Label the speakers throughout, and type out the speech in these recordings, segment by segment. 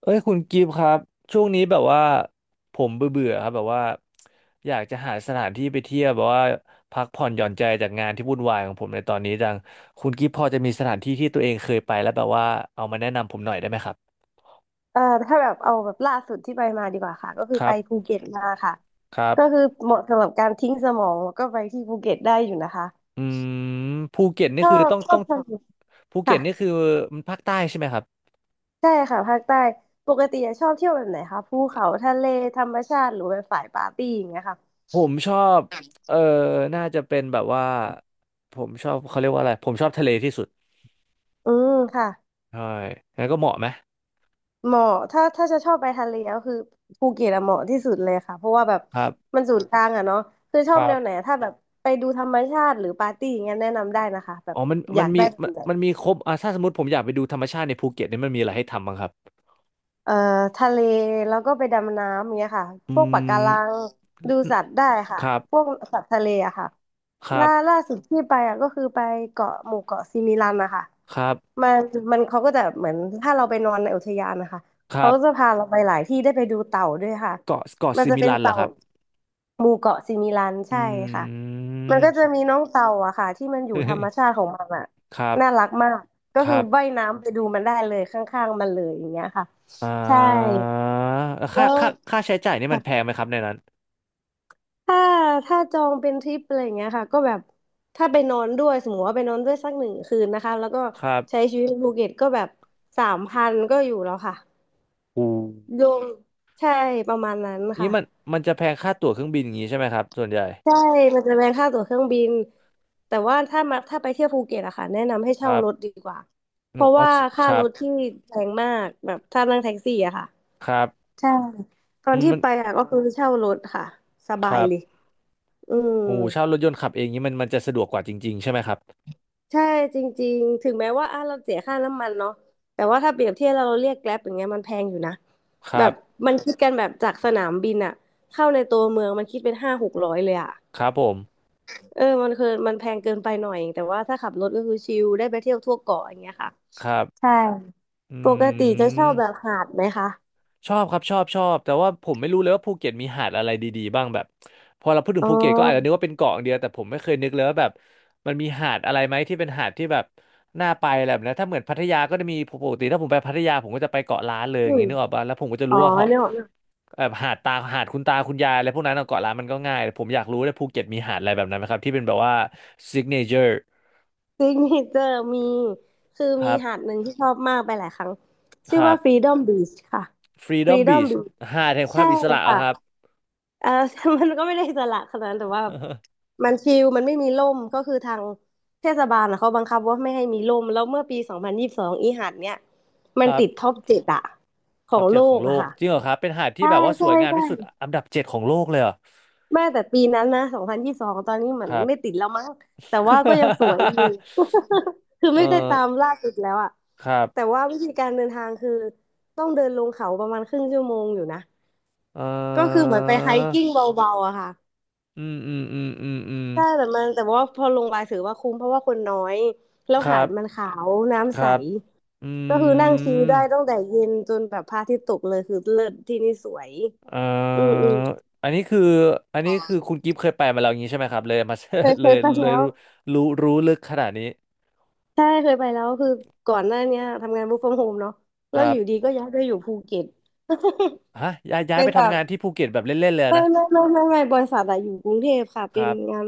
Speaker 1: เอ้ยคุณกิฟต์ครับช่วงนี้แบบว่าผมเบื่อๆครับแบบว่าอยากจะหาสถานที่ไปเที่ยวแบบว่าพักผ่อนหย่อนใจจากงานที่วุ่นวายของผมในตอนนี้จังคุณกิฟต์พอจะมีสถานที่ที่ตัวเองเคยไปแล้วแบบว่าเอามาแนะนำผมหน่อยได้ไหมครับ
Speaker 2: ถ้าแบบเอาแบบล่าสุดที่ไปมาดีกว่าค่ะก็คื
Speaker 1: ค
Speaker 2: อ
Speaker 1: รั
Speaker 2: ไปภู
Speaker 1: บ
Speaker 2: เก็ตมาค่ะ
Speaker 1: ครั
Speaker 2: ก็คือ
Speaker 1: บ
Speaker 2: เหมาะสำหรับการทิ้งสมองแล้วก็ไปที่ภูเก็ตได้อยู่นะคะ
Speaker 1: อืมภูเก็ตนี่
Speaker 2: ชอ
Speaker 1: คือ
Speaker 2: บ
Speaker 1: ต้อง
Speaker 2: ชอ
Speaker 1: ต้อ
Speaker 2: บ
Speaker 1: ง
Speaker 2: ทะเล
Speaker 1: ภูเก็
Speaker 2: ค่ะ
Speaker 1: ตนี่คือมันภาคใต้ใช่ไหมครับ
Speaker 2: ใช่ค่ะภาคใต้ปกติอะชอบเที่ยวแบบไหนคะภูเขาทะเลธรรมชาติหรือแบบฝ่ายปาร์ตี้อย่างเงี้ยค่ะ
Speaker 1: ผมชอบเออน่าจะเป็นแบบว่าผมชอบเขาเรียกว่าอะไรผมชอบทะเลที่สุด
Speaker 2: อืมค่ะ
Speaker 1: ใช่งั้นก็เหมาะไหม
Speaker 2: เหมาะถ้าจะชอบไปทะเลก็คือภูเก็ตอะเหมาะที่สุดเลยค่ะเพราะว่าแบบ
Speaker 1: ครับ
Speaker 2: มันศูนย์กลางอะเนาะคือชอ
Speaker 1: ค
Speaker 2: บ
Speaker 1: รั
Speaker 2: แน
Speaker 1: บ
Speaker 2: วไหนถ้าแบบไปดูธรรมชาติหรือปาร์ตี้อย่างเงี้ยแนะนำได้นะคะแบ
Speaker 1: อ๋
Speaker 2: บ
Speaker 1: อมัน
Speaker 2: อ
Speaker 1: มั
Speaker 2: ยา
Speaker 1: น
Speaker 2: ก
Speaker 1: มี
Speaker 2: ได้แบบ
Speaker 1: มัน
Speaker 2: ไหน
Speaker 1: มันมีครบถ้าสมมติผมอยากไปดูธรรมชาติในภูเก็ตเนี่ยมันมีอะไรให้ทำบ้างครับ
Speaker 2: เอ่อทะเลแล้วก็ไปดำน้ำเนี้ยค่ะ
Speaker 1: อื
Speaker 2: พวกปะกา
Speaker 1: ม
Speaker 2: รังดูสัตว์ได้ค่ะ
Speaker 1: ครั
Speaker 2: พวก
Speaker 1: บ
Speaker 2: สัตว์ทะเลอะค่ะ
Speaker 1: ครั
Speaker 2: ล่าล่า
Speaker 1: บ
Speaker 2: สุดที่ไปอะก็คือไปเกาะหมู่เกาะซิมิลันนะคะ
Speaker 1: ครับ
Speaker 2: มันมันเขาก็จะเหมือนถ้าเราไปนอนในอุทยานนะคะ
Speaker 1: ครั
Speaker 2: เขาจะ
Speaker 1: บ
Speaker 2: พาเราไปหลายที่ได้ไปดูเต่าด้วยค่ะ
Speaker 1: เกาะ
Speaker 2: มัน
Speaker 1: ซิ
Speaker 2: จะ
Speaker 1: มิ
Speaker 2: เป็น
Speaker 1: ลันเหรอ
Speaker 2: เต่า
Speaker 1: ครับ
Speaker 2: หมู่เกาะซิมิลัน
Speaker 1: อื
Speaker 2: ใช่ค่ะมันก็
Speaker 1: ม
Speaker 2: จะมีน้องเต่าอะค่ะที่มันอยู่ธรรมชา ติของมันอะ
Speaker 1: ครั
Speaker 2: น่า
Speaker 1: บ
Speaker 2: รักมากก็
Speaker 1: ค
Speaker 2: คือ
Speaker 1: รับ
Speaker 2: ว่ายน้ำไปดูมันได้เลยข้างๆมันเลยอย่างเงี้ยค่ะ
Speaker 1: อ่
Speaker 2: ใช่
Speaker 1: า
Speaker 2: แล้
Speaker 1: ค่า
Speaker 2: ว
Speaker 1: ค่า ค่าใช้จ่ายนี่
Speaker 2: ถ
Speaker 1: มันแพงไหมครับในนั้น
Speaker 2: ้าถ้าจองเป็นทริปอะไรอย่างเงี้ยค่ะก็แบบถ้าไปนอนด้วยสมมติว่าไปนอนด้วยสักหนึ่งคืนนะคะแล้วก็
Speaker 1: ครั
Speaker 2: ใช้
Speaker 1: บ
Speaker 2: ชีวิตในภูเก็ตก็แบบ3,000ก็อยู่แล้วค่ะ
Speaker 1: อู
Speaker 2: รวมใช่ประมาณนั้น
Speaker 1: นี่
Speaker 2: ค่ะ
Speaker 1: มันจะแพงค่าตั๋วเครื่องบินอย่างนี้ใช่ไหมครับส่วนใหญ่
Speaker 2: ใช่มันจะแพงค่าตั๋วเครื่องบินแต่ว่าถ้าไปเที่ยวภูเก็ตอะค่ะแนะนำให้
Speaker 1: ค
Speaker 2: เช่า
Speaker 1: รั
Speaker 2: รถ
Speaker 1: บ
Speaker 2: ดีกว่าเพราะ
Speaker 1: อ๋อ
Speaker 2: ว่า
Speaker 1: ค
Speaker 2: ค่า
Speaker 1: รั
Speaker 2: ร
Speaker 1: บ
Speaker 2: ถที่แพงมากแบบถ้านั่งแท็กซี่อะค่ะ
Speaker 1: ครับ
Speaker 2: ใช่ตอ
Speaker 1: อื
Speaker 2: น
Speaker 1: ม
Speaker 2: ที่
Speaker 1: มัน
Speaker 2: ไปอะก็คือเช่ารถค่ะส
Speaker 1: ค
Speaker 2: บาย
Speaker 1: รับ
Speaker 2: เลยอืม
Speaker 1: โอ้เช่ารถยนต์ขับเองนี้มันจะสะดวกกว่าจริงๆใช่ไหมครับ
Speaker 2: ใช่จริงๆถึงแม้ว่าอ่ะเราเสียค่าน้ำมันเนาะแต่ว่าถ้าเปรียบเทียบเราเรียกแกร็บอย่างเงี้ยมันแพงอยู่นะ
Speaker 1: ค
Speaker 2: แบ
Speaker 1: รับ
Speaker 2: บมันคิดกันแบบจากสนามบินอะเข้าในตัวเมืองมันคิดเป็น500-600เลยอะ
Speaker 1: ครับผม
Speaker 2: เออมันคือมันแพงเกินไปหน่อย แต่ว่าถ้าขับรถก็คือชิลได้ไปเที่ยวทั่วเกาะอย่างเงี้ยค่ะ
Speaker 1: ครับ
Speaker 2: ใช่
Speaker 1: อื
Speaker 2: ปกติจะชอ
Speaker 1: ม
Speaker 2: บแบบหาดไหมคะ
Speaker 1: ชอบครับชอบแต่ว่าผมไม่รู้เลยว่าภูเก็ตมีหาดอะไรดีๆบ้างแบบพอเราพูดถึง
Speaker 2: อ๋อ
Speaker 1: ภูเก็ตก็อาจจะนึกว่าเป็นเกาะอย่างเดียวแต่ผมไม่เคยนึกเลยว่าแบบมันมีหาดอะไรไหมที่เป็นหาดที่แบบน่าไปอะไรแบบนั้นถ้าเหมือนพัทยาก็จะมีปกติถ้าผมไปพัทยาผมก็จะไปเกาะล้านเลยอ
Speaker 2: อื
Speaker 1: ย่างนี้
Speaker 2: ม
Speaker 1: นึกออกป่ะแล้วผมก็จะ
Speaker 2: อ๋อ
Speaker 1: รู้ว่าเหาะ
Speaker 2: เนี่ย
Speaker 1: แบบหาดตาหาดคุณตาคุณยายอะไรพวกนั้นอะเกาะล้านมันก็ง่ายแต่ผมอยากรู้เลยภูเก็ตมีหาดอะไรแบบนั้นไหมครับที่เป็นแบบว่าซิกเนเจอร์
Speaker 2: ซิกเนเจอร์มีคือ
Speaker 1: ค
Speaker 2: มี
Speaker 1: รับ
Speaker 2: หาดหนึ่งที่ชอบมากไปหลายครั้ง
Speaker 1: ค
Speaker 2: ชื่อ
Speaker 1: รั
Speaker 2: ว่า
Speaker 1: บ
Speaker 2: Freedom Beach ค่ะ
Speaker 1: Freedom
Speaker 2: Freedom
Speaker 1: Beach
Speaker 2: Beach
Speaker 1: หาดแห่งควา
Speaker 2: ใช่
Speaker 1: มอิสระ
Speaker 2: ค่ะ
Speaker 1: อะครับ
Speaker 2: เออ มันก็ไม่ได้อิสระขนาดนั้นแต่ว่ามันชิลมันไม่มีร่มก็คือทางเทศบาลนะเขาบังคับว่าไม่ให้มีร่มแล้วเมื่อปี2022อีหาดเนี้ยมั
Speaker 1: ค
Speaker 2: น
Speaker 1: รั
Speaker 2: ติดท็
Speaker 1: บ
Speaker 2: อปเจ็ดอะขอ
Speaker 1: ท็อป
Speaker 2: ง
Speaker 1: เจ็
Speaker 2: โล
Speaker 1: ดของ
Speaker 2: ก
Speaker 1: โล
Speaker 2: อะ
Speaker 1: ก
Speaker 2: ค่ะ
Speaker 1: จริงเหรอครับเป็นหาดที่
Speaker 2: ใช่
Speaker 1: แบบว่าส
Speaker 2: ใช่
Speaker 1: วยงาม
Speaker 2: ใช่
Speaker 1: ที่สุดอันดับเจ็ดของโลกเลยเหรอ
Speaker 2: แม่แต่ปีนั้นนะสองพันยี่สบสองตอนนี้เหมื
Speaker 1: ค
Speaker 2: อน
Speaker 1: รับ
Speaker 2: ไม่ติดแล้วมั้งแต่ว่าก็ยังสวยอยู่ คือ
Speaker 1: เอ
Speaker 2: ไม่ได้
Speaker 1: อ
Speaker 2: ตามล่าสุดแล้วอะ
Speaker 1: ครับ
Speaker 2: แต่ว่าวิธีการเดินทางคือต้องเดินลงเขาประมาณครึ่งชั่วโมงอยู่นะ
Speaker 1: เอ
Speaker 2: ก็คือ
Speaker 1: อ
Speaker 2: เหมือนไปไฮกิ้งเบาๆอะค่ะ
Speaker 1: อืมอืมอืมอืมอืม
Speaker 2: ใช่แต่ว่าพอลงไปถือว่าคุ้มเพราะว่าคนน้อย แล้ว
Speaker 1: ครั
Speaker 2: หาด
Speaker 1: บ
Speaker 2: มันขาว
Speaker 1: ค
Speaker 2: น้ำใส
Speaker 1: รับอื
Speaker 2: ก็คือนั่งชิลได้
Speaker 1: ม
Speaker 2: ตั้งแต่เย็นจนแบบพระอาทิตย์ตกเลยคือเลิศที่นี่สวย
Speaker 1: เอ
Speaker 2: อืมอื
Speaker 1: อ
Speaker 2: ม
Speaker 1: อันนี้คืออันนี้คือคุณกิฟต์เคยไปมาแล้วอย่างนี้ใช่ไหมครับเลยมา
Speaker 2: เคย
Speaker 1: เล
Speaker 2: เค
Speaker 1: ย
Speaker 2: ยไป
Speaker 1: เลย
Speaker 2: แล้ว
Speaker 1: รู้ลึกขนาดนี้
Speaker 2: ใช่เคยไปแล้วคือก่อนหน้าเนี้ยทำงาน work from home เนาะ
Speaker 1: ค
Speaker 2: แล้ว
Speaker 1: รั
Speaker 2: อ
Speaker 1: บ
Speaker 2: ยู่ดีก็ย้ายไปอยู่ภูเก็ต
Speaker 1: ฮะย้าย ย้าย
Speaker 2: เป็
Speaker 1: ไป
Speaker 2: นแบ
Speaker 1: ทำ
Speaker 2: บ
Speaker 1: งานที่ภูเก็ตแบบเล่นๆเลย
Speaker 2: ไม่
Speaker 1: นะ
Speaker 2: ไม่ไม่ไม่ไม่บริษัทอะอยู่กรุงเทพค่ะ
Speaker 1: ค
Speaker 2: เป็น
Speaker 1: รับ
Speaker 2: งาน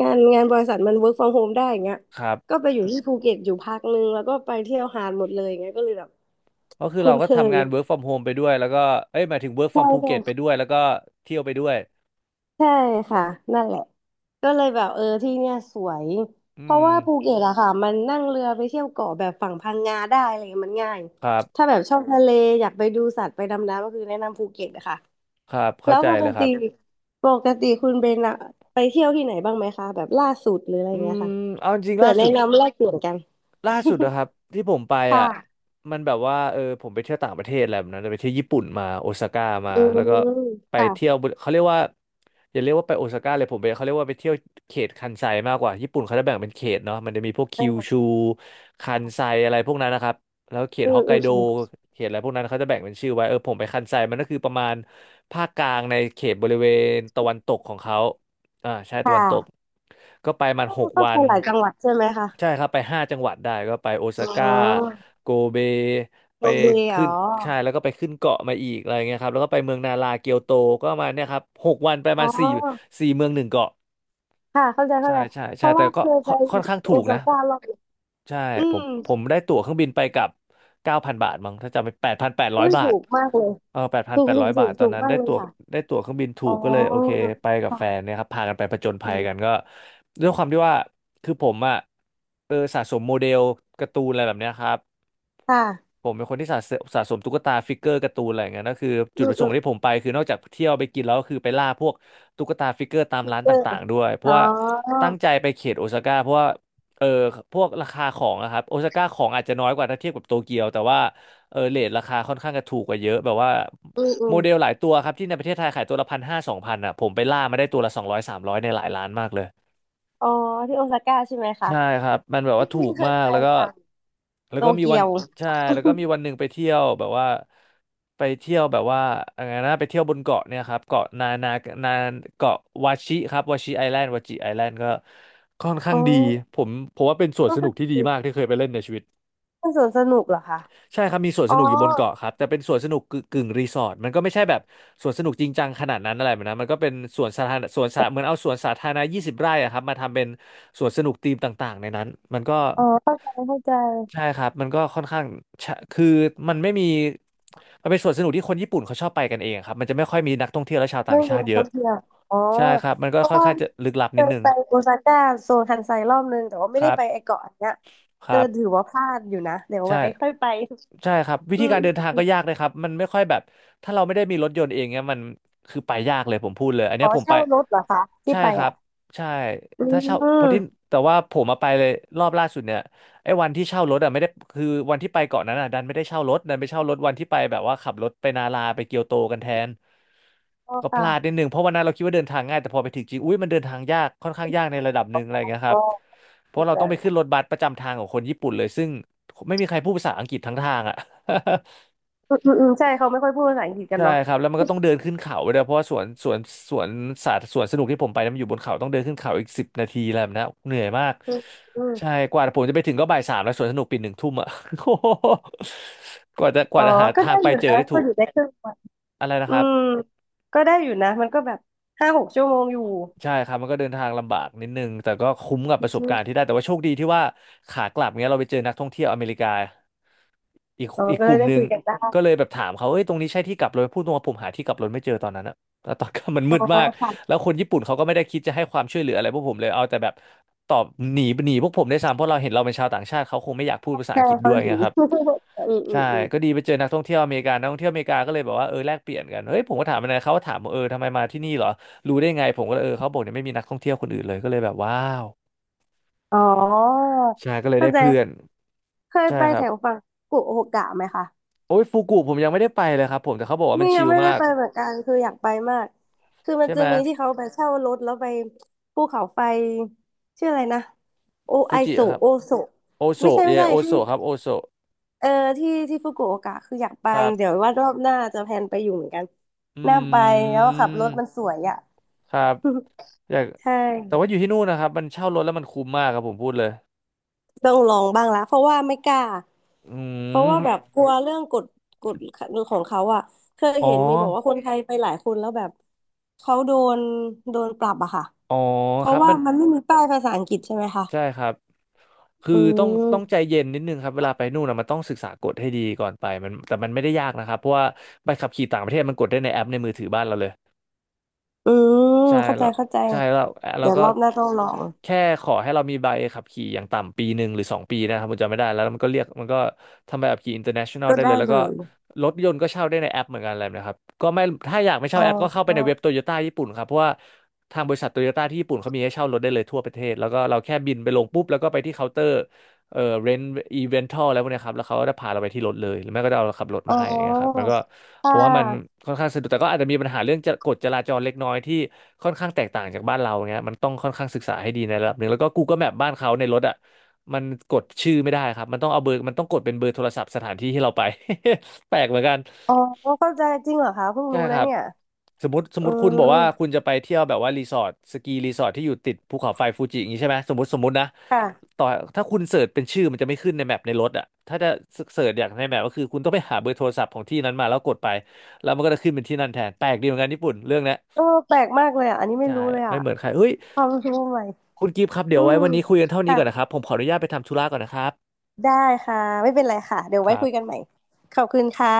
Speaker 2: บริษัทมัน work from home ได้อย่างเงี้ย
Speaker 1: ครั
Speaker 2: ก็
Speaker 1: บ
Speaker 2: ไปอยู่ที่ภูเก็ตอยู่พักนึงแล้วก็ไปเที่ยวหาดหมดเลยอย่างเงี้ยก็เลยแบบ
Speaker 1: ก็คือ
Speaker 2: คุ้
Speaker 1: เรา
Speaker 2: น
Speaker 1: ก็
Speaker 2: เค
Speaker 1: ทำ
Speaker 2: ย
Speaker 1: งาน work from home ไปด้วยแล้วก็เอ้ยหมายถึง work
Speaker 2: ใช่
Speaker 1: from ภู
Speaker 2: ใช่
Speaker 1: เก็ตไปด้วยแล้วก็เที่ยวไปด้วย
Speaker 2: ใช่ค่ะนั่นแหละก็เลยแบบเออที่เนี่ยสวยเพ
Speaker 1: อื
Speaker 2: ราะ
Speaker 1: ม
Speaker 2: ว่าภูเก็ตอะค่ะมันนั่งเรือไปเที่ยวเกาะแบบฝั่งพังงาได้อะไรเงี้ยมันง่าย
Speaker 1: ครั
Speaker 2: ถ้า
Speaker 1: บ
Speaker 2: แบบชอบทะเลอยากไปดูสัตว์ไปดำน้ำก็คือแนะนำภูเก็ตอะค่ะ
Speaker 1: ครับ
Speaker 2: แล้
Speaker 1: เข้า
Speaker 2: ว
Speaker 1: ใจ
Speaker 2: ปก
Speaker 1: เลยค
Speaker 2: ติ
Speaker 1: รับ
Speaker 2: ปกติคุณเบนอะไปเที่ยวที่ไหนบ้างไหมคะแบบล่าสุดหรืออะไร
Speaker 1: อื
Speaker 2: เงี้
Speaker 1: ม
Speaker 2: ยค่ะ
Speaker 1: เอาจริงๆ
Speaker 2: เผื่อแนะนำแลกเปลี่ยนกัน
Speaker 1: ล่าสุดนะครับที่ผมไป
Speaker 2: ค่ะ
Speaker 1: อ่ะมันแบบว่าผมไปเที่ยวต่างประเทศอะไรแบบนั้นไปเที่ยวญี่ปุ่นมาโอซาก้ามา
Speaker 2: อื
Speaker 1: แล้วก็
Speaker 2: ม
Speaker 1: ไปเที่ย
Speaker 2: ค่ะ
Speaker 1: วเขาเรียกว่าอย่าเรียกว่าไปโอซาก้าเลยผมไปเขาเรียกว่าไปเที่ยวเขตคันไซมากกว่าญี่ปุ่นเขาจะแบ่งเป็นเขตเนาะมันจะมีพวกคิว
Speaker 2: เออ
Speaker 1: ชูคันไซอะไรพวกนั้นนะครับแล้วเขต
Speaker 2: อื
Speaker 1: ฮ
Speaker 2: ม
Speaker 1: อกไก
Speaker 2: อืม
Speaker 1: โด
Speaker 2: อืม
Speaker 1: เขตอะไรพวกนั้นเขาจะแบ่งเป็นชื่อไว้ผมไปคันไซมันก็คือประมาณภาคกลางในเขตบริเวณตะวันตกของเขา อ่าใช่
Speaker 2: ค
Speaker 1: ตะวันตก
Speaker 2: ่ะ
Speaker 1: ก็ไปมันหก
Speaker 2: ก็
Speaker 1: วั
Speaker 2: ไป
Speaker 1: น
Speaker 2: หลายจังหวัดใช่ไหมคะ
Speaker 1: ใช่ครับไปห้าจังหวัดได้ก็ไปโอ
Speaker 2: อื
Speaker 1: ซาก้า
Speaker 2: ม
Speaker 1: โกเบไป
Speaker 2: โมเบ
Speaker 1: ขึ้
Speaker 2: ล
Speaker 1: นใช่แล้วก็ไปขึ้นเกาะมาอีกอะไรเงี้ยครับแล้วก็ไปเมืองนาราเกียวโตก็ประมาณเนี่ยครับหกวันไป
Speaker 2: อ๋อ
Speaker 1: มาสี่เมืองหนึ่งเกาะ
Speaker 2: ค่ะเข้าใจ
Speaker 1: ใช่
Speaker 2: เข้าใจ
Speaker 1: ใช่
Speaker 2: เพ
Speaker 1: ใช่
Speaker 2: ราะ
Speaker 1: แต่
Speaker 2: ว่า
Speaker 1: ก็
Speaker 2: เคยไป
Speaker 1: ค่อนข้างถู
Speaker 2: โอ
Speaker 1: ก
Speaker 2: ซา
Speaker 1: นะ
Speaker 2: ก้ารอบหนึ่ง
Speaker 1: ใช่
Speaker 2: อื
Speaker 1: ผ
Speaker 2: ม
Speaker 1: มผมได้ตั๋วเครื่องบินไปกับ9,000 บาทมั้งถ้าจำไม่แปดพันแปดร้อ
Speaker 2: อุ้
Speaker 1: ย
Speaker 2: ย
Speaker 1: บา
Speaker 2: ถู
Speaker 1: ท
Speaker 2: กมากเลย
Speaker 1: แปดพัน
Speaker 2: ถูก
Speaker 1: แปด
Speaker 2: ถู
Speaker 1: ร้อ
Speaker 2: ก
Speaker 1: ย
Speaker 2: ถู
Speaker 1: บาท
Speaker 2: ก
Speaker 1: ตอ
Speaker 2: ถู
Speaker 1: น
Speaker 2: ก
Speaker 1: นั้น
Speaker 2: มากเลยค่ะ
Speaker 1: ได้ตั๋วเครื่องบินถู
Speaker 2: อ๋อ
Speaker 1: กก็เลยโอเคไปกับแฟน
Speaker 2: ค่ะ
Speaker 1: เนี่ยครับพากันไปผจญ
Speaker 2: อื
Speaker 1: ภัยกัน
Speaker 2: ม
Speaker 1: ก็ด้วยความที่ว่าคือผมอ่ะสะสมโมเดลการ์ตูนอะไรแบบเนี้ยครับ
Speaker 2: ค่ะ
Speaker 1: ผมเป็นคนที่สะสมตุ๊กตาฟิกเกอร์การ์ตูนอะไรอย่างเงี้ยนั่นคือจุ
Speaker 2: อื
Speaker 1: ดป
Speaker 2: ม
Speaker 1: ระส
Speaker 2: อื
Speaker 1: ง
Speaker 2: ม
Speaker 1: ค์ที่ผมไปคือนอกจากเที่ยวไปกินแล้วก็คือไปล่าพวกตุ๊กตาฟิกเกอร์ตาม
Speaker 2: พิก
Speaker 1: ร้าน
Speaker 2: เกอร์
Speaker 1: ต่างๆด้วยเพ
Speaker 2: อ๋
Speaker 1: ราะ
Speaker 2: อ
Speaker 1: ว่าตั้งใจไปเขตโอซาก้าเพราะว่า เออพวกราคาของอะครับโอซาก้าของอาจจะน้อยกว่าถ้าเทียบกับโตเกียวแต่ว่าเรทราคาค่อนข้างจะถูกกว่าเยอะแบบว่า
Speaker 2: อืมอื
Speaker 1: โม
Speaker 2: ม
Speaker 1: เดลหลายตัวครับที่ในประเทศไทยขายตัวละ1,5002,000อะผมไปล่ามาได้ตัวละ200300ในหลายร้านมากเลย
Speaker 2: อ๋อที่โอซาก้าใช่ไหมคะ
Speaker 1: ใช่ครับมันแบบ
Speaker 2: ไม่
Speaker 1: ว่าถู
Speaker 2: ไม่
Speaker 1: ก
Speaker 2: เคย
Speaker 1: มาก
Speaker 2: ไป
Speaker 1: แล้วก็
Speaker 2: ฝั่ง
Speaker 1: แล้ว
Speaker 2: โต
Speaker 1: ก็มี
Speaker 2: เกี
Speaker 1: วั
Speaker 2: ย
Speaker 1: น
Speaker 2: ว
Speaker 1: ใช่แล้วก็มีวันหนึ่งไปเที่ยวแบบว่าไปเที่ยวแบบว่าอะไรนะไปเที่ยวบนเกาะเนี่ยครับเกาะนาเกาะวาชิครับวาชิไอแลนด์วาชิไอแลนด์ก็ค่อน ข้า
Speaker 2: อ๋
Speaker 1: ง
Speaker 2: อ
Speaker 1: ดีผมผมว่าเป็นสวน
Speaker 2: ก็
Speaker 1: ส
Speaker 2: คื
Speaker 1: นุกที่
Speaker 2: อ
Speaker 1: ดีมากที่เคยไปเล่นในชีวิต
Speaker 2: เป็นสวนสนุกเหรอคะ
Speaker 1: ใช่ครับมีสวน
Speaker 2: อ๋
Speaker 1: ส
Speaker 2: อ
Speaker 1: นุกอยู่บนเกาะครับแต่เป็นสวนสนุกกึ่งรีสอร์ทมันก็ไม่ใช่แบบสวนสนุกจริงจังขนาดนั้นอะไรแบบนะมันก็เป็นสวนสาธารณะสวนสาเหมือนเอาสวนสาธารณะ20 ไร่อะครับมาทำเป็นสวนสนุกธีมต่างๆในนั้นมันก็
Speaker 2: อ๋อเข้าใจเข้าใจ
Speaker 1: ใช่ครับมันก็ค่อนข้างคือมันไม่มีมันเป็นสวนสนุกที่คนญี่ปุ่นเขาชอบไปกันเองครับมันจะไม่ค่อยมีนักท่องเที่ยวและชาวต่า
Speaker 2: ไม่
Speaker 1: ง
Speaker 2: มี
Speaker 1: ชาติ
Speaker 2: นัก
Speaker 1: เย
Speaker 2: ท่อ
Speaker 1: อะ
Speaker 2: งเที่ยวอ๋อ
Speaker 1: ใช่ครับมันก็
Speaker 2: เพราะ
Speaker 1: ค่อน
Speaker 2: ว่า
Speaker 1: ข้างจะลึกลับ
Speaker 2: เค
Speaker 1: นิด
Speaker 2: ย
Speaker 1: นึง
Speaker 2: ไปโอซาก้าโซนคันไซรอบนึงแต่ว่า
Speaker 1: ค
Speaker 2: ไม่ได้
Speaker 1: รั
Speaker 2: ไปไอ
Speaker 1: บ
Speaker 2: เกาะอันเนี้ย
Speaker 1: ค
Speaker 2: เออ
Speaker 1: รับ
Speaker 2: ถือว่าพลาดอยู่นะเดี๋ยว
Speaker 1: ใช่
Speaker 2: ไว้ค่อยไป
Speaker 1: ใช่ครับวิ
Speaker 2: อื
Speaker 1: ธี
Speaker 2: ม
Speaker 1: การเดินทาง
Speaker 2: อ
Speaker 1: ก็
Speaker 2: ม
Speaker 1: ยากเลยครับมันไม่ค่อยแบบถ้าเราไม่ได้มีรถยนต์เองเนี่ยมันคือไปยากเลยผมพูดเลยอันเนี้
Speaker 2: อ๋อ
Speaker 1: ยผมไป
Speaker 2: เช่ารถเหรอคะที่
Speaker 1: ใช่
Speaker 2: ไป
Speaker 1: ครั
Speaker 2: อ่ะ
Speaker 1: บใช่
Speaker 2: อื
Speaker 1: ถ้าเช่าเพราะที่
Speaker 2: ม
Speaker 1: แต่ว่าผมมาไปเลยรอบล่าสุดเนี่ยไอ้วันที่เช่ารถอ่ะไม่ได้คือวันที่ไปเกาะนั้นอ่ะดันไม่ได้เช่ารถดันไปเช่ารถวันที่ไปแบบว่าขับรถไปนาราไปเกียวโตกันแทน
Speaker 2: ก็
Speaker 1: ก็พ
Speaker 2: ค่ะ
Speaker 1: ลาดนิดหนึ่งเพราะวันนั้นเราคิดว่าเดินทางง่ายแต่พอไปถึงจริงอุ้ยมันเดินทางยากค่อนข้างยากในระดับหนึ่งอะไรเงี้ยครับ
Speaker 2: ก็
Speaker 1: เพราะ
Speaker 2: ้า
Speaker 1: เรา
Speaker 2: ใจ
Speaker 1: ต้องไปขึ้นรถบัสประจำทางของคนญี่ปุ่นเลยซึ่ง ไม่มีใครพูดภาษาอังกฤษทั้งทางอ่ะ
Speaker 2: อืมอืมอืมใช่เขาไม่ค่อยพูดภาษาอังกฤษ กัน
Speaker 1: ใช่
Speaker 2: เนาะ
Speaker 1: ครับแล้วมันก็ต้องเดินขึ้นเขาไปด้วยเพราะว่าสวนสวนสนุกที่ผมไปนั้นมันอยู่บนเขาต้องเดินขึ้นเขาอีก10 นาทีอะไรแบบนั้นเหนื่อยมาก
Speaker 2: อืมอืม
Speaker 1: ใช่กว่าผมจะไปถึงก็บ่ายสามแล้วสวนสนุกปิดหนึ่งทุ่มอ่ะ โอ้โหกว่าจะก
Speaker 2: อ๋
Speaker 1: ว่า
Speaker 2: อ
Speaker 1: จะหา
Speaker 2: ก็
Speaker 1: ทา
Speaker 2: ได้
Speaker 1: งไป
Speaker 2: อยู่
Speaker 1: เจอ
Speaker 2: นะ
Speaker 1: ได้
Speaker 2: ก็
Speaker 1: ถูก
Speaker 2: อยู่ได้ครึ่งวัน
Speaker 1: อะไรนะ
Speaker 2: อื
Speaker 1: ครับ
Speaker 2: มก็ได้อยู่นะมันก็แบบ5-6 ชั่วโมงอยู่
Speaker 1: ใช่ครับมันก็เดินทางลำบากนิดนึงแต่ก็คุ้มกับป
Speaker 2: อื
Speaker 1: ระสบกา
Speaker 2: ม
Speaker 1: รณ์ที่ได้แต่ว่าโชคดีที่ว่าขากลับเนี้ยเราไปเจอนักท่องเที่ยวอเมริกาอีก
Speaker 2: อ๋อ
Speaker 1: อีก
Speaker 2: ก็
Speaker 1: ก
Speaker 2: เลย
Speaker 1: ลุ่ม
Speaker 2: ได้
Speaker 1: หนึ่ง
Speaker 2: คุยกันได้
Speaker 1: ก็เลยแบบถามเขาเอ้ยตรงนี้ใช่ที่กลับรถพูดตรงว่าผมหาที่กลับรถไม่เจอตอนนั้นอะแล้วตอนกลับมัน
Speaker 2: อ๋
Speaker 1: มื
Speaker 2: อ
Speaker 1: ดมาก
Speaker 2: ค่ะ
Speaker 1: แล้วคนญี่ปุ่นเขาก็ไม่ได้คิดจะให้ความช่วยเหลืออะไรพวกผมเลยเอาแต่แบบตอบหนีพวกผมได้วยซ้ำเพราะเราเห็นเราเป็นชาวต่างชาติเขาคงไม่อยากพูดภาษาอั
Speaker 2: แช่
Speaker 1: งกฤษด้ว
Speaker 2: เกา
Speaker 1: ย
Speaker 2: หลี
Speaker 1: ไงครับ
Speaker 2: อืมอื
Speaker 1: ใช่
Speaker 2: มอืม
Speaker 1: ก็ดีไปเจอนักท่องเที่ยวอเมริกานนักท่องเที่ยวอเมริกาก็เลยบอกว่าแลกเปลี่ยนกันเฮ้ยผมก็ถามมันนะเขาก็ถามว่าทำไมมาที่นี่เหรอรู้ได้ไงผมก็เลยเขาบอกเนี่ยไม่มีนักท่องเที่ยวคนอื่นเลยก็เลยแบบว้าว
Speaker 2: อ๋อ
Speaker 1: ใช่ก็เลย
Speaker 2: เข้า
Speaker 1: ได้
Speaker 2: ใจ
Speaker 1: เพื่อน
Speaker 2: เคย
Speaker 1: ใช่
Speaker 2: ไป
Speaker 1: ครั
Speaker 2: แถ
Speaker 1: บ
Speaker 2: วฝั่งกุโอกะไหมคะ
Speaker 1: โอ้ยฟูกุผมยังไม่ได้ไปเลยครับผมแต่เขาบอกว่ามัน
Speaker 2: นี่ยั
Speaker 1: ชิ
Speaker 2: ง
Speaker 1: ล
Speaker 2: ไม่ได้
Speaker 1: มาก
Speaker 2: ไปเหมือนกันคืออยากไปมากคือมัน
Speaker 1: ใช่
Speaker 2: จะ
Speaker 1: ไหม
Speaker 2: มีที่เขาไปเช่ารถแล้วไปภูเขาไฟชื่ออะไรนะโอ
Speaker 1: ฟู
Speaker 2: ไอ
Speaker 1: จิ
Speaker 2: โซ
Speaker 1: ครับ
Speaker 2: โอโซ
Speaker 1: โอโซ
Speaker 2: ไม่ใช่
Speaker 1: เย
Speaker 2: ไม่ใช่
Speaker 1: โอ
Speaker 2: ที่
Speaker 1: โซครับโอโซ
Speaker 2: เออที่ฟุกุโอกะคืออยากไป
Speaker 1: ครั
Speaker 2: เดี๋ยว
Speaker 1: บ
Speaker 2: ว่ารอบหน้าจะแพลนไปอยู่เหมือนกัน
Speaker 1: อ
Speaker 2: น่าไป
Speaker 1: ื
Speaker 2: แล้วขับรถ
Speaker 1: ม
Speaker 2: มันสวยอ่ะ
Speaker 1: ครับอยาก
Speaker 2: ใช่
Speaker 1: แต่ว่าอยู่ที่นู่นนะครับมันเช่ารถแล้วมันคุ้มมากครับผมพูดเลย
Speaker 2: ต้องลองบ้างละเพราะว่าไม่กล้า
Speaker 1: อื
Speaker 2: เพราะว่าแบบ
Speaker 1: ม
Speaker 2: กลัวเรื่องกฎของเขาอ่ะเคย
Speaker 1: อ๋อ
Speaker 2: เห็นมีบอกว่าคนไทยไปหลายคนแล้วแบบเขานโดนปรับอะค่ะ
Speaker 1: อ๋อ
Speaker 2: เพ
Speaker 1: ค
Speaker 2: ราะ
Speaker 1: รับ
Speaker 2: ว่า
Speaker 1: มัน
Speaker 2: มันไม่มีป้ายภาษาอังกฤษใช่ไหมคะ
Speaker 1: ใช่ครับ คือ
Speaker 2: อื
Speaker 1: ต้องใจ
Speaker 2: ม
Speaker 1: เย็นนิดนึงครับเวลาไปนู่นนะมันต้องศึกษากฎให้ดีก่อนไปมันแต่มันไม่ได้ยากนะครับเพราะว่าใบขับขี่ต่างประเทศมันกดได้ในแอปในมือถือบ้านเราเลย
Speaker 2: อืม
Speaker 1: ใช่
Speaker 2: เข้าใจ
Speaker 1: แล้ว
Speaker 2: เข้าใจ
Speaker 1: ใช่แล้วแล้
Speaker 2: เดี๋
Speaker 1: ว
Speaker 2: ยว
Speaker 1: ก็
Speaker 2: รอบหน้าต้องลอง
Speaker 1: แค่ขอให้เรามีใบขับขี่อย่างต่ำปีหนึ่งหรือสองปีนะครับผมจำไม่ได้แล้วแล้วมันก็เรียกมันก็ทำใบขับขี่ international
Speaker 2: ก็
Speaker 1: ได้เล
Speaker 2: ได้
Speaker 1: ยแล้ว
Speaker 2: เล
Speaker 1: ก็
Speaker 2: ย
Speaker 1: รถยนต์ก็เช่าได้ในแอปเหมือนกันอะไรแบบนะครับก็ไม่ถ้าอยากไม่เช่า
Speaker 2: อ๋
Speaker 1: แอปก็เข้าไปใน
Speaker 2: อ
Speaker 1: เว็บโตโยต้าญี่ปุ่นครับเพราะว่าทางบริษัทโตโยต้าที่ญี่ปุ่นเขามีให้เช่ารถได้เลยทั่วประเทศแล้วก็เราแค่บินไปลงปุ๊บแล้วก็ไปที่เคาน์เตอร์ เรนอีเวนทัลอะไรพวกเนี้ยครับแล้วเขาก็จะพาเราไปที่รถเลยหรือไม่ก็จะเอาเราขับรถ
Speaker 2: อ๋
Speaker 1: มาให้อย่างเงี้ยครับ
Speaker 2: อ
Speaker 1: มันก็ผ
Speaker 2: ค่
Speaker 1: มว่ามัน
Speaker 2: ะ
Speaker 1: ค่อนข้างสะดวกแต่ก็อาจจะมีปัญหาเรื่องจะกฎจราจรเล็กน้อยที่ค่อนข้างแตกต่างจากบ้านเราเงี้ยมันต้องค่อนข้างศึกษาให้ดีในระดับหนึ่งแล้วก็ Google Map บ้านเขาในรถอ่ะมันกดชื่อไม่ได้ครับมันต้องเอาเบอร์มันต้องกดเป็นเบอร์โทรศัพท์สถานที่ที่เราไป แปลกเหมือนกัน
Speaker 2: อ๋อเข้าใจจริงเหรอคะเพิ่ง
Speaker 1: ใช่
Speaker 2: รู้
Speaker 1: ค
Speaker 2: นะ
Speaker 1: รับ
Speaker 2: เนี่ย
Speaker 1: สมมติสม
Speaker 2: อื
Speaker 1: มติคุณบอกว่าคุณ
Speaker 2: ม
Speaker 1: จะไปเที่ยวแบบว่ารีสอร์ทสกีรีสอร์ทที่อยู่ติดภูเขาไฟฟูจิอย่างนี้ใช่ไหมสมมตินะ
Speaker 2: ค่ะ
Speaker 1: ต่อถ้าคุณเสิร์ชเป็นชื่อมันจะไม่ขึ้นในแมปในรถอ่ะถ้าจะเสิร์ชอย่างในแมปก็คือคุณต้องไปหาเบอร์โทรศัพท์ของที่นั้นมาแล้วกดไปแล้วมันก็จะขึ้นเป็นที่นั่นแทนแปลกดีเหมือนกันญี่ปุ่นเรื่องเนี้ย
Speaker 2: เออแปลกมากเลยอ่ะอันนี้ไม่
Speaker 1: ใช่
Speaker 2: รู้เลย
Speaker 1: ไม่
Speaker 2: อ่ะ
Speaker 1: เหมือนใครเฮ้ย
Speaker 2: ความรู้ใหม่
Speaker 1: คุณกิฟต์ครับเดี๋
Speaker 2: อื
Speaker 1: ยวไว้
Speaker 2: ม
Speaker 1: วันนี้คุยกันเท่านี้
Speaker 2: ค่ะ
Speaker 1: ก่อนนะครับผมขออนุญาตไปทำธุระก่อนนะครับ
Speaker 2: ได้ค่ะไม่เป็นไรค่ะเดี๋ยว
Speaker 1: ค
Speaker 2: ไว้
Speaker 1: รั
Speaker 2: คุยกัน
Speaker 1: บ
Speaker 2: ใหม่ขอบคุณค่ะ